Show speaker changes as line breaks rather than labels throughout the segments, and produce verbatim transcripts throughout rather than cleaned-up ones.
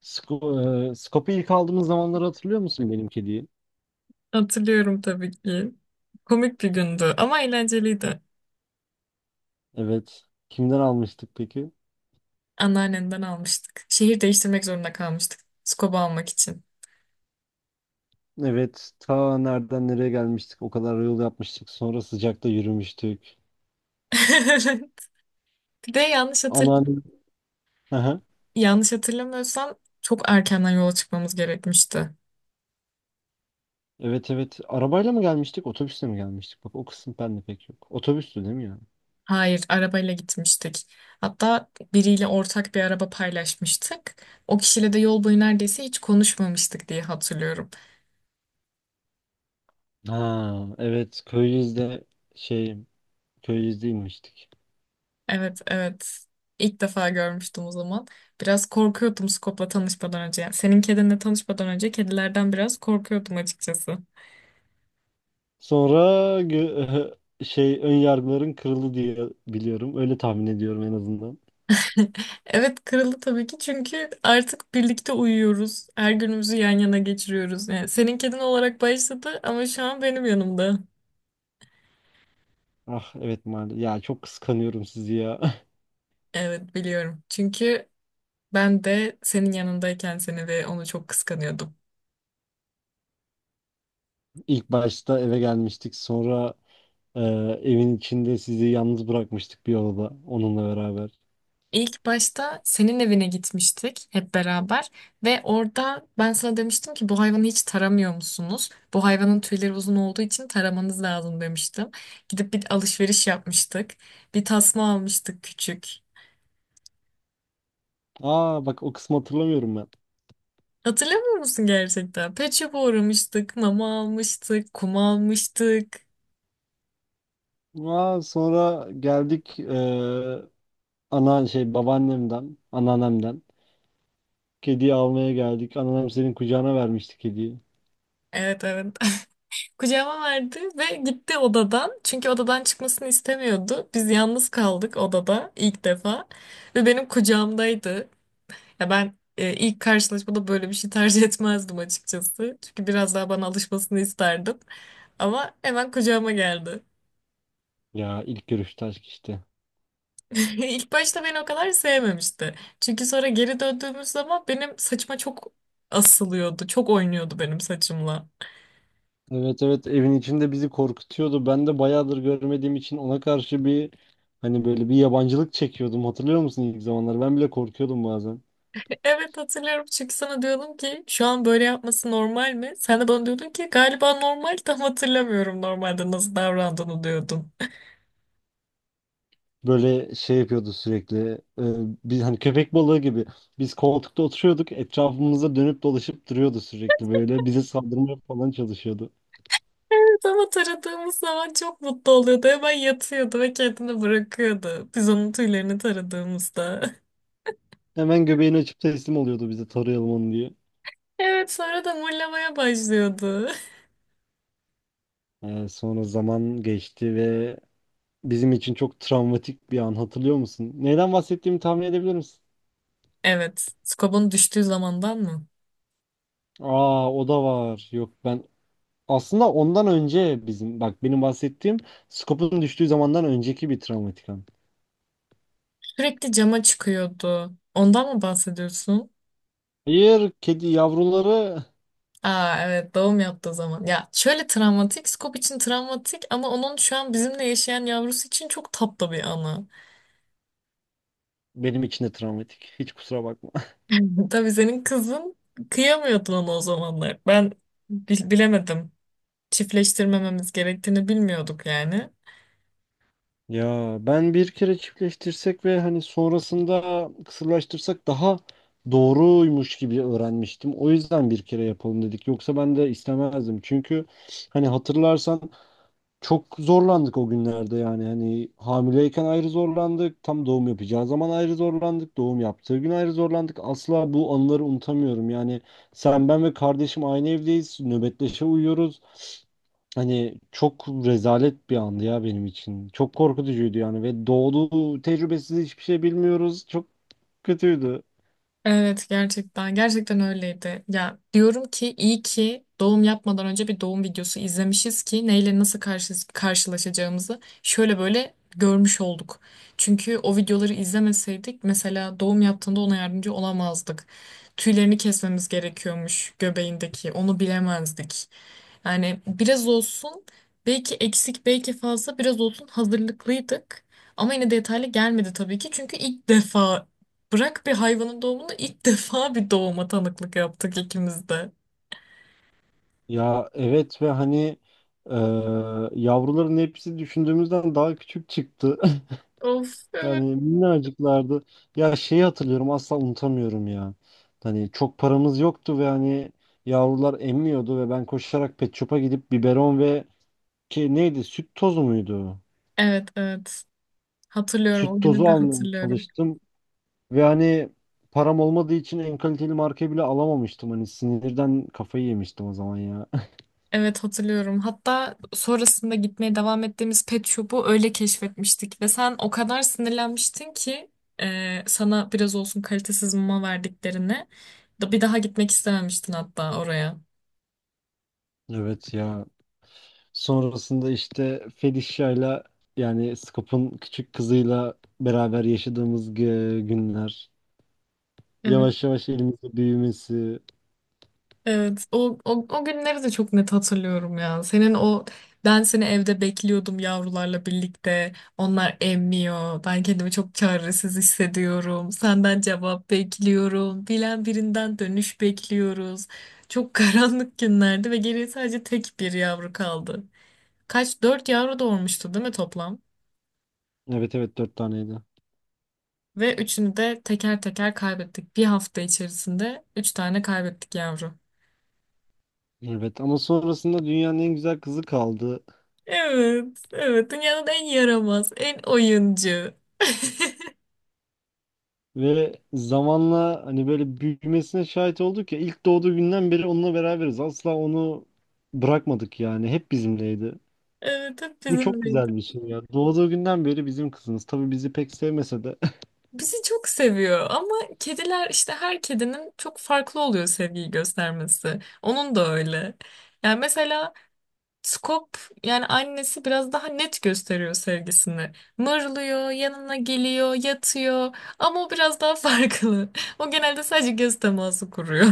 Sko e, Skop'u ilk aldığımız zamanları hatırlıyor musun benim kediyi?
Hatırlıyorum tabii ki. Komik bir gündü ama eğlenceliydi.
Evet. Kimden almıştık peki?
Anneannemden almıştık. Şehir değiştirmek zorunda kalmıştık. Skoba almak için.
Evet. Ta nereden nereye gelmiştik? O kadar yol yapmıştık. Sonra sıcakta yürümüştük.
Bir de yanlış hatır
Anneannem. Aha.
yanlış hatırlamıyorsam çok erkenden yola çıkmamız gerekmişti.
Evet evet. Arabayla mı gelmiştik? Otobüsle mi gelmiştik? Bak o kısım bende pek yok. Otobüstü değil mi ya?
Hayır, arabayla gitmiştik. Hatta biriyle ortak bir araba paylaşmıştık. O kişiyle de yol boyu neredeyse hiç konuşmamıştık diye hatırlıyorum.
Ha evet. Köyüzde şey Köyüzde inmiştik.
Evet, evet. İlk defa görmüştüm o zaman. Biraz korkuyordum Skop'la tanışmadan önce. Yani senin kedinle tanışmadan önce kedilerden biraz korkuyordum açıkçası.
Sonra gö- şey ön yargıların kırıldı diye biliyorum. Öyle tahmin ediyorum en azından.
Evet, kırıldı tabii ki çünkü artık birlikte uyuyoruz. Her günümüzü yan yana geçiriyoruz. Yani senin kedin olarak başladı ama şu an benim yanımda.
Ah evet maalesef. Ya çok kıskanıyorum sizi ya.
Evet, biliyorum. Çünkü ben de senin yanındayken seni ve onu çok kıskanıyordum.
İlk başta eve gelmiştik. Sonra e, evin içinde sizi yalnız bırakmıştık bir odada onunla beraber.
İlk başta senin evine gitmiştik hep beraber ve orada ben sana demiştim ki bu hayvanı hiç taramıyor musunuz? Bu hayvanın tüyleri uzun olduğu için taramanız lazım demiştim. Gidip bir alışveriş yapmıştık. Bir tasma almıştık küçük.
Aa bak o kısmı hatırlamıyorum ben.
Hatırlamıyor musun gerçekten? Pet shop'a uğramıştık, mama almıştık, kum almıştık.
Aa sonra geldik, e, ana şey babaannemden, anneannemden. Kediyi almaya geldik. Anneannem senin kucağına vermişti kediyi.
Evet evet. Kucağıma verdi ve gitti odadan. Çünkü odadan çıkmasını istemiyordu. Biz yalnız kaldık odada ilk defa. Ve benim kucağımdaydı. Ya ben e, ilk karşılaşmada böyle bir şey tercih etmezdim açıkçası. Çünkü biraz daha bana alışmasını isterdim. Ama hemen kucağıma geldi.
Ya ilk görüşte aşk işte.
İlk başta beni o kadar sevmemişti. Çünkü sonra geri döndüğümüz zaman benim saçıma çok asılıyordu. Çok oynuyordu benim saçımla.
Evet evet Evin içinde bizi korkutuyordu. Ben de bayağıdır görmediğim için ona karşı bir, hani böyle bir yabancılık çekiyordum. Hatırlıyor musun ilk zamanlar? Ben bile korkuyordum bazen.
Evet hatırlıyorum çünkü sana diyordum ki şu an böyle yapması normal mi? Sen de bana diyordun ki galiba normal, tam hatırlamıyorum normalde nasıl davrandığını diyordun.
Böyle şey yapıyordu sürekli. e, Biz hani köpek balığı gibi. Biz koltukta oturuyorduk. Etrafımıza dönüp dolaşıp duruyordu sürekli böyle. Bize saldırmaya falan çalışıyordu.
Evet ama taradığımız zaman çok mutlu oluyordu. Hemen yatıyordu ve kendini bırakıyordu. Biz onun tüylerini taradığımızda.
Hemen göbeğini açıp teslim oluyordu bize tarayalım onu diye.
Evet sonra da mırlamaya başlıyordu.
E, sonra zaman geçti ve bizim için çok travmatik bir an hatırlıyor musun? Neyden bahsettiğimi tahmin edebilir misin?
Evet. Skobun düştüğü zamandan mı?
Aa o da var. Yok, ben aslında ondan önce bizim bak, benim bahsettiğim Scope'un düştüğü zamandan önceki bir travmatik an.
Sürekli cama çıkıyordu. Ondan mı bahsediyorsun?
Hayır, kedi yavruları
Aa evet doğum yaptığı zaman. Ya şöyle travmatik. Skob için travmatik ama onun şu an bizimle yaşayan yavrusu için çok tatlı bir anı.
benim için de travmatik. Hiç kusura bakma.
Tabii senin kızın kıyamıyordu ona o zamanlar. Ben bil- bilemedim. Çiftleştirmememiz gerektiğini bilmiyorduk yani.
Ya, ben bir kere çiftleştirsek ve hani sonrasında kısırlaştırsak daha doğruymuş gibi öğrenmiştim. O yüzden bir kere yapalım dedik. Yoksa ben de istemezdim. Çünkü hani hatırlarsan çok zorlandık o günlerde yani. Hani hamileyken ayrı zorlandık, tam doğum yapacağı zaman ayrı zorlandık, doğum yaptığı gün ayrı zorlandık. Asla bu anıları unutamıyorum. Yani sen, ben ve kardeşim aynı evdeyiz, nöbetleşe uyuyoruz. Hani çok rezalet bir andı ya benim için. Çok korkutucuydu yani ve doğduğu tecrübesiz hiçbir şey bilmiyoruz. Çok kötüydü.
Evet, gerçekten gerçekten öyleydi. Ya diyorum ki iyi ki doğum yapmadan önce bir doğum videosu izlemişiz ki neyle nasıl karşı, karşılaşacağımızı şöyle böyle görmüş olduk. Çünkü o videoları izlemeseydik mesela doğum yaptığında ona yardımcı olamazdık. Tüylerini kesmemiz gerekiyormuş göbeğindeki, onu bilemezdik. Yani biraz olsun, belki eksik belki fazla, biraz olsun hazırlıklıydık. Ama yine detaylı gelmedi tabii ki çünkü ilk defa, bırak bir hayvanın doğumunu, ilk defa bir doğuma tanıklık yaptık ikimiz de.
Ya evet, ve hani eee, yavruların hepsi düşündüğümüzden daha küçük çıktı.
Of evet.
Yani minnacıklardı. Ya şeyi hatırlıyorum, asla unutamıyorum ya. Hani çok paramız yoktu ve hani yavrular emmiyordu ve ben koşarak pet shop'a gidip biberon ve ki neydi, süt tozu muydu?
Evet evet. Hatırlıyorum,
Süt
o günü
tozu
de
almaya
hatırlıyorum.
çalıştım ve hani param olmadığı için en kaliteli markayı bile alamamıştım. Hani sinirden kafayı yemiştim o zaman ya.
Evet hatırlıyorum. Hatta sonrasında gitmeye devam ettiğimiz pet shop'u öyle keşfetmiştik ve sen o kadar sinirlenmiştin ki e, sana biraz olsun kalitesiz mama verdiklerini. Da- Bir daha gitmek istememiştin hatta oraya.
Evet ya. Sonrasında işte Felicia'yla, yani Scoop'un küçük kızıyla beraber yaşadığımız gü- günler.
Evet.
Yavaş yavaş elimizde büyümesi.
Evet, o, o, o günleri de çok net hatırlıyorum ya. Senin o, ben seni evde bekliyordum yavrularla birlikte. Onlar emmiyor. Ben kendimi çok çaresiz hissediyorum. Senden cevap bekliyorum. Bilen birinden dönüş bekliyoruz. Çok karanlık günlerdi ve geriye sadece tek bir yavru kaldı. Kaç? Dört yavru doğurmuştu değil mi toplam?
Evet evet dört taneydi.
Ve üçünü de teker teker kaybettik. Bir hafta içerisinde üç tane kaybettik yavru.
Evet, ama sonrasında dünyanın en güzel kızı kaldı.
Evet, evet. Dünyanın en yaramaz, en oyuncu.
Ve zamanla hani böyle büyümesine şahit olduk ya, ilk doğduğu günden beri onunla beraberiz. Asla onu bırakmadık yani. Hep bizimleydi.
Evet, hep
Bu çok
bizimleydi.
güzel bir şey ya. Doğduğu günden beri bizim kızımız. Tabii bizi pek sevmese de
Bizi çok seviyor ama kediler işte, her kedinin çok farklı oluyor sevgiyi göstermesi. Onun da öyle. Yani mesela Skop, yani annesi, biraz daha net gösteriyor sevgisini. Mırlıyor, yanına geliyor, yatıyor ama o biraz daha farklı. O genelde sadece göz teması kuruyor.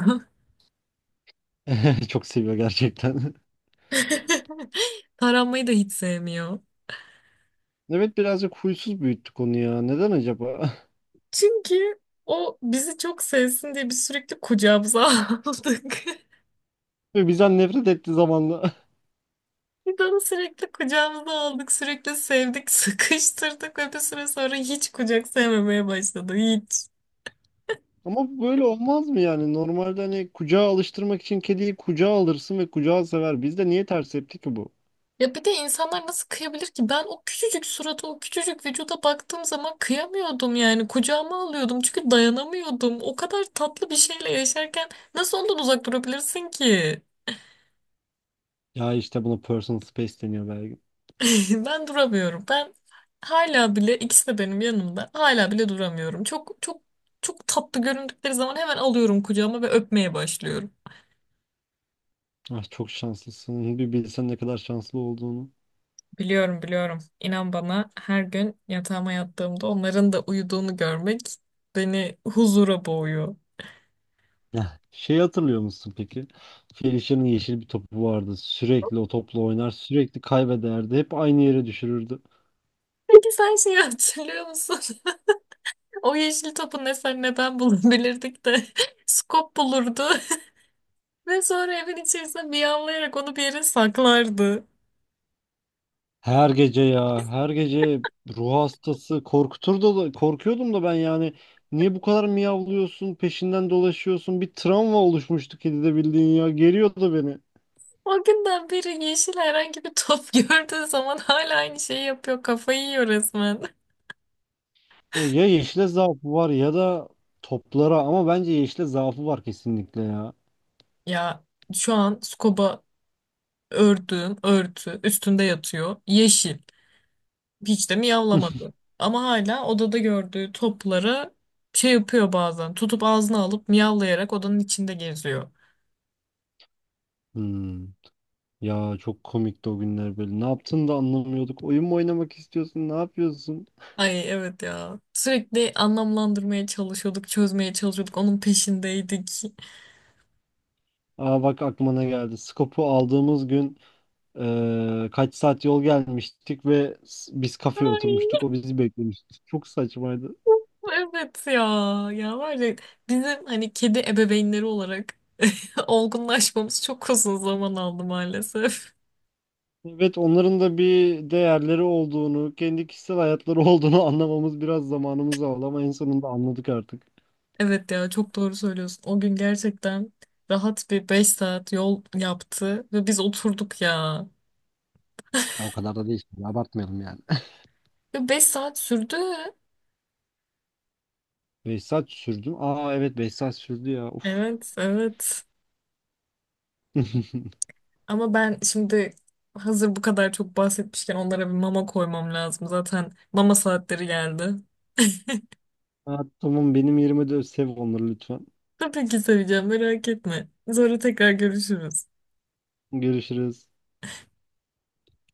çok seviyor gerçekten.
Taranmayı da hiç sevmiyor.
Evet, birazcık huysuz büyüttük onu ya. Neden acaba?
Çünkü o bizi çok sevsin diye biz sürekli kucağımıza aldık.
Ve bizden nefret etti zamanla.
Biz onu sürekli kucağımıza aldık, sürekli sevdik, sıkıştırdık ve bir süre sonra hiç kucak sevmemeye başladı, hiç.
Ama böyle olmaz mı yani? Normalde hani kucağa alıştırmak için kediyi kucağa alırsın ve kucağı sever. Bizde niye ters tepki ki bu?
Ya bir de insanlar nasıl kıyabilir ki? Ben o küçücük surata, o küçücük vücuda baktığım zaman kıyamıyordum yani. Kucağıma alıyordum çünkü dayanamıyordum. O kadar tatlı bir şeyle yaşarken nasıl ondan uzak durabilirsin ki?
Ya işte buna personal space deniyor belki.
Ben duramıyorum. Ben hala bile, ikisi de benim yanımda. Hala bile duramıyorum. Çok çok çok tatlı göründükleri zaman hemen alıyorum kucağıma ve öpmeye başlıyorum.
Ah çok şanslısın. Bir bilsen ne kadar şanslı olduğunu.
Biliyorum, biliyorum. İnan bana, her gün yatağıma yattığımda onların da uyuduğunu görmek beni huzura boğuyor.
Ya şey hatırlıyor musun peki? Felicia'nın yeşil bir topu vardı. Sürekli o topla oynar, sürekli kaybederdi. Hep aynı yere düşürürdü.
Peki sen şeyi hatırlıyor musun? O yeşil topu ne sen ne ben bulabilirdik de Skop bulurdu ve sonra evin içerisinde miyavlayarak onu bir yere saklardı.
Her gece ya, her gece ruh hastası korkuturdu da korkuyordum da ben yani, niye bu kadar miyavlıyorsun, peşinden dolaşıyorsun? Bir travma oluşmuştu kedide bildiğin ya, geriyordu beni.
O günden beri yeşil herhangi bir top gördüğü zaman hala aynı şeyi yapıyor. Kafayı yiyor resmen.
Ya, ya yeşile zaafı var ya da toplara, ama bence yeşile zaafı var kesinlikle ya.
Ya şu an Scoba ördüğüm örtü üstünde yatıyor. Yeşil. Hiç de miyavlamadı. Ama hala odada gördüğü topları şey yapıyor bazen. Tutup ağzına alıp miyavlayarak odanın içinde geziyor.
Hmm. Ya çok komikti o günler böyle. Ne yaptığını da anlamıyorduk. Oyun mu oynamak istiyorsun? Ne yapıyorsun?
Ay evet ya. Sürekli anlamlandırmaya çalışıyorduk, çözmeye çalışıyorduk. Onun peşindeydik.
Aa bak aklıma ne geldi. Skop'u aldığımız gün Ee, kaç saat yol gelmiştik ve s- biz kafeye
Ay.
oturmuştuk. O bizi beklemişti. Çok saçmaydı.
Evet ya. Ya var ya, bizim hani kedi ebeveynleri olarak olgunlaşmamız çok uzun zaman aldı maalesef.
Evet, onların da bir değerleri olduğunu, kendi kişisel hayatları olduğunu anlamamız biraz zamanımızı aldı, ama en sonunda anladık artık.
Evet ya, çok doğru söylüyorsun. O gün gerçekten rahat bir beş saat yol yaptı ve biz oturduk ya.
Ya o kadar da değil. Şimdi, abartmayalım yani.
Ve beş saat sürdü.
Beş saat sürdü. Mü? Aa evet, beş saat sürdü ya. Uf.
Evet evet. Ama ben şimdi, hazır bu kadar çok bahsetmişken, onlara bir mama koymam lazım. Zaten mama saatleri geldi.
Aa, tamam, benim yerime de sev onları lütfen.
Tabii ki seveceğim, merak etme. Sonra tekrar görüşürüz.
Görüşürüz.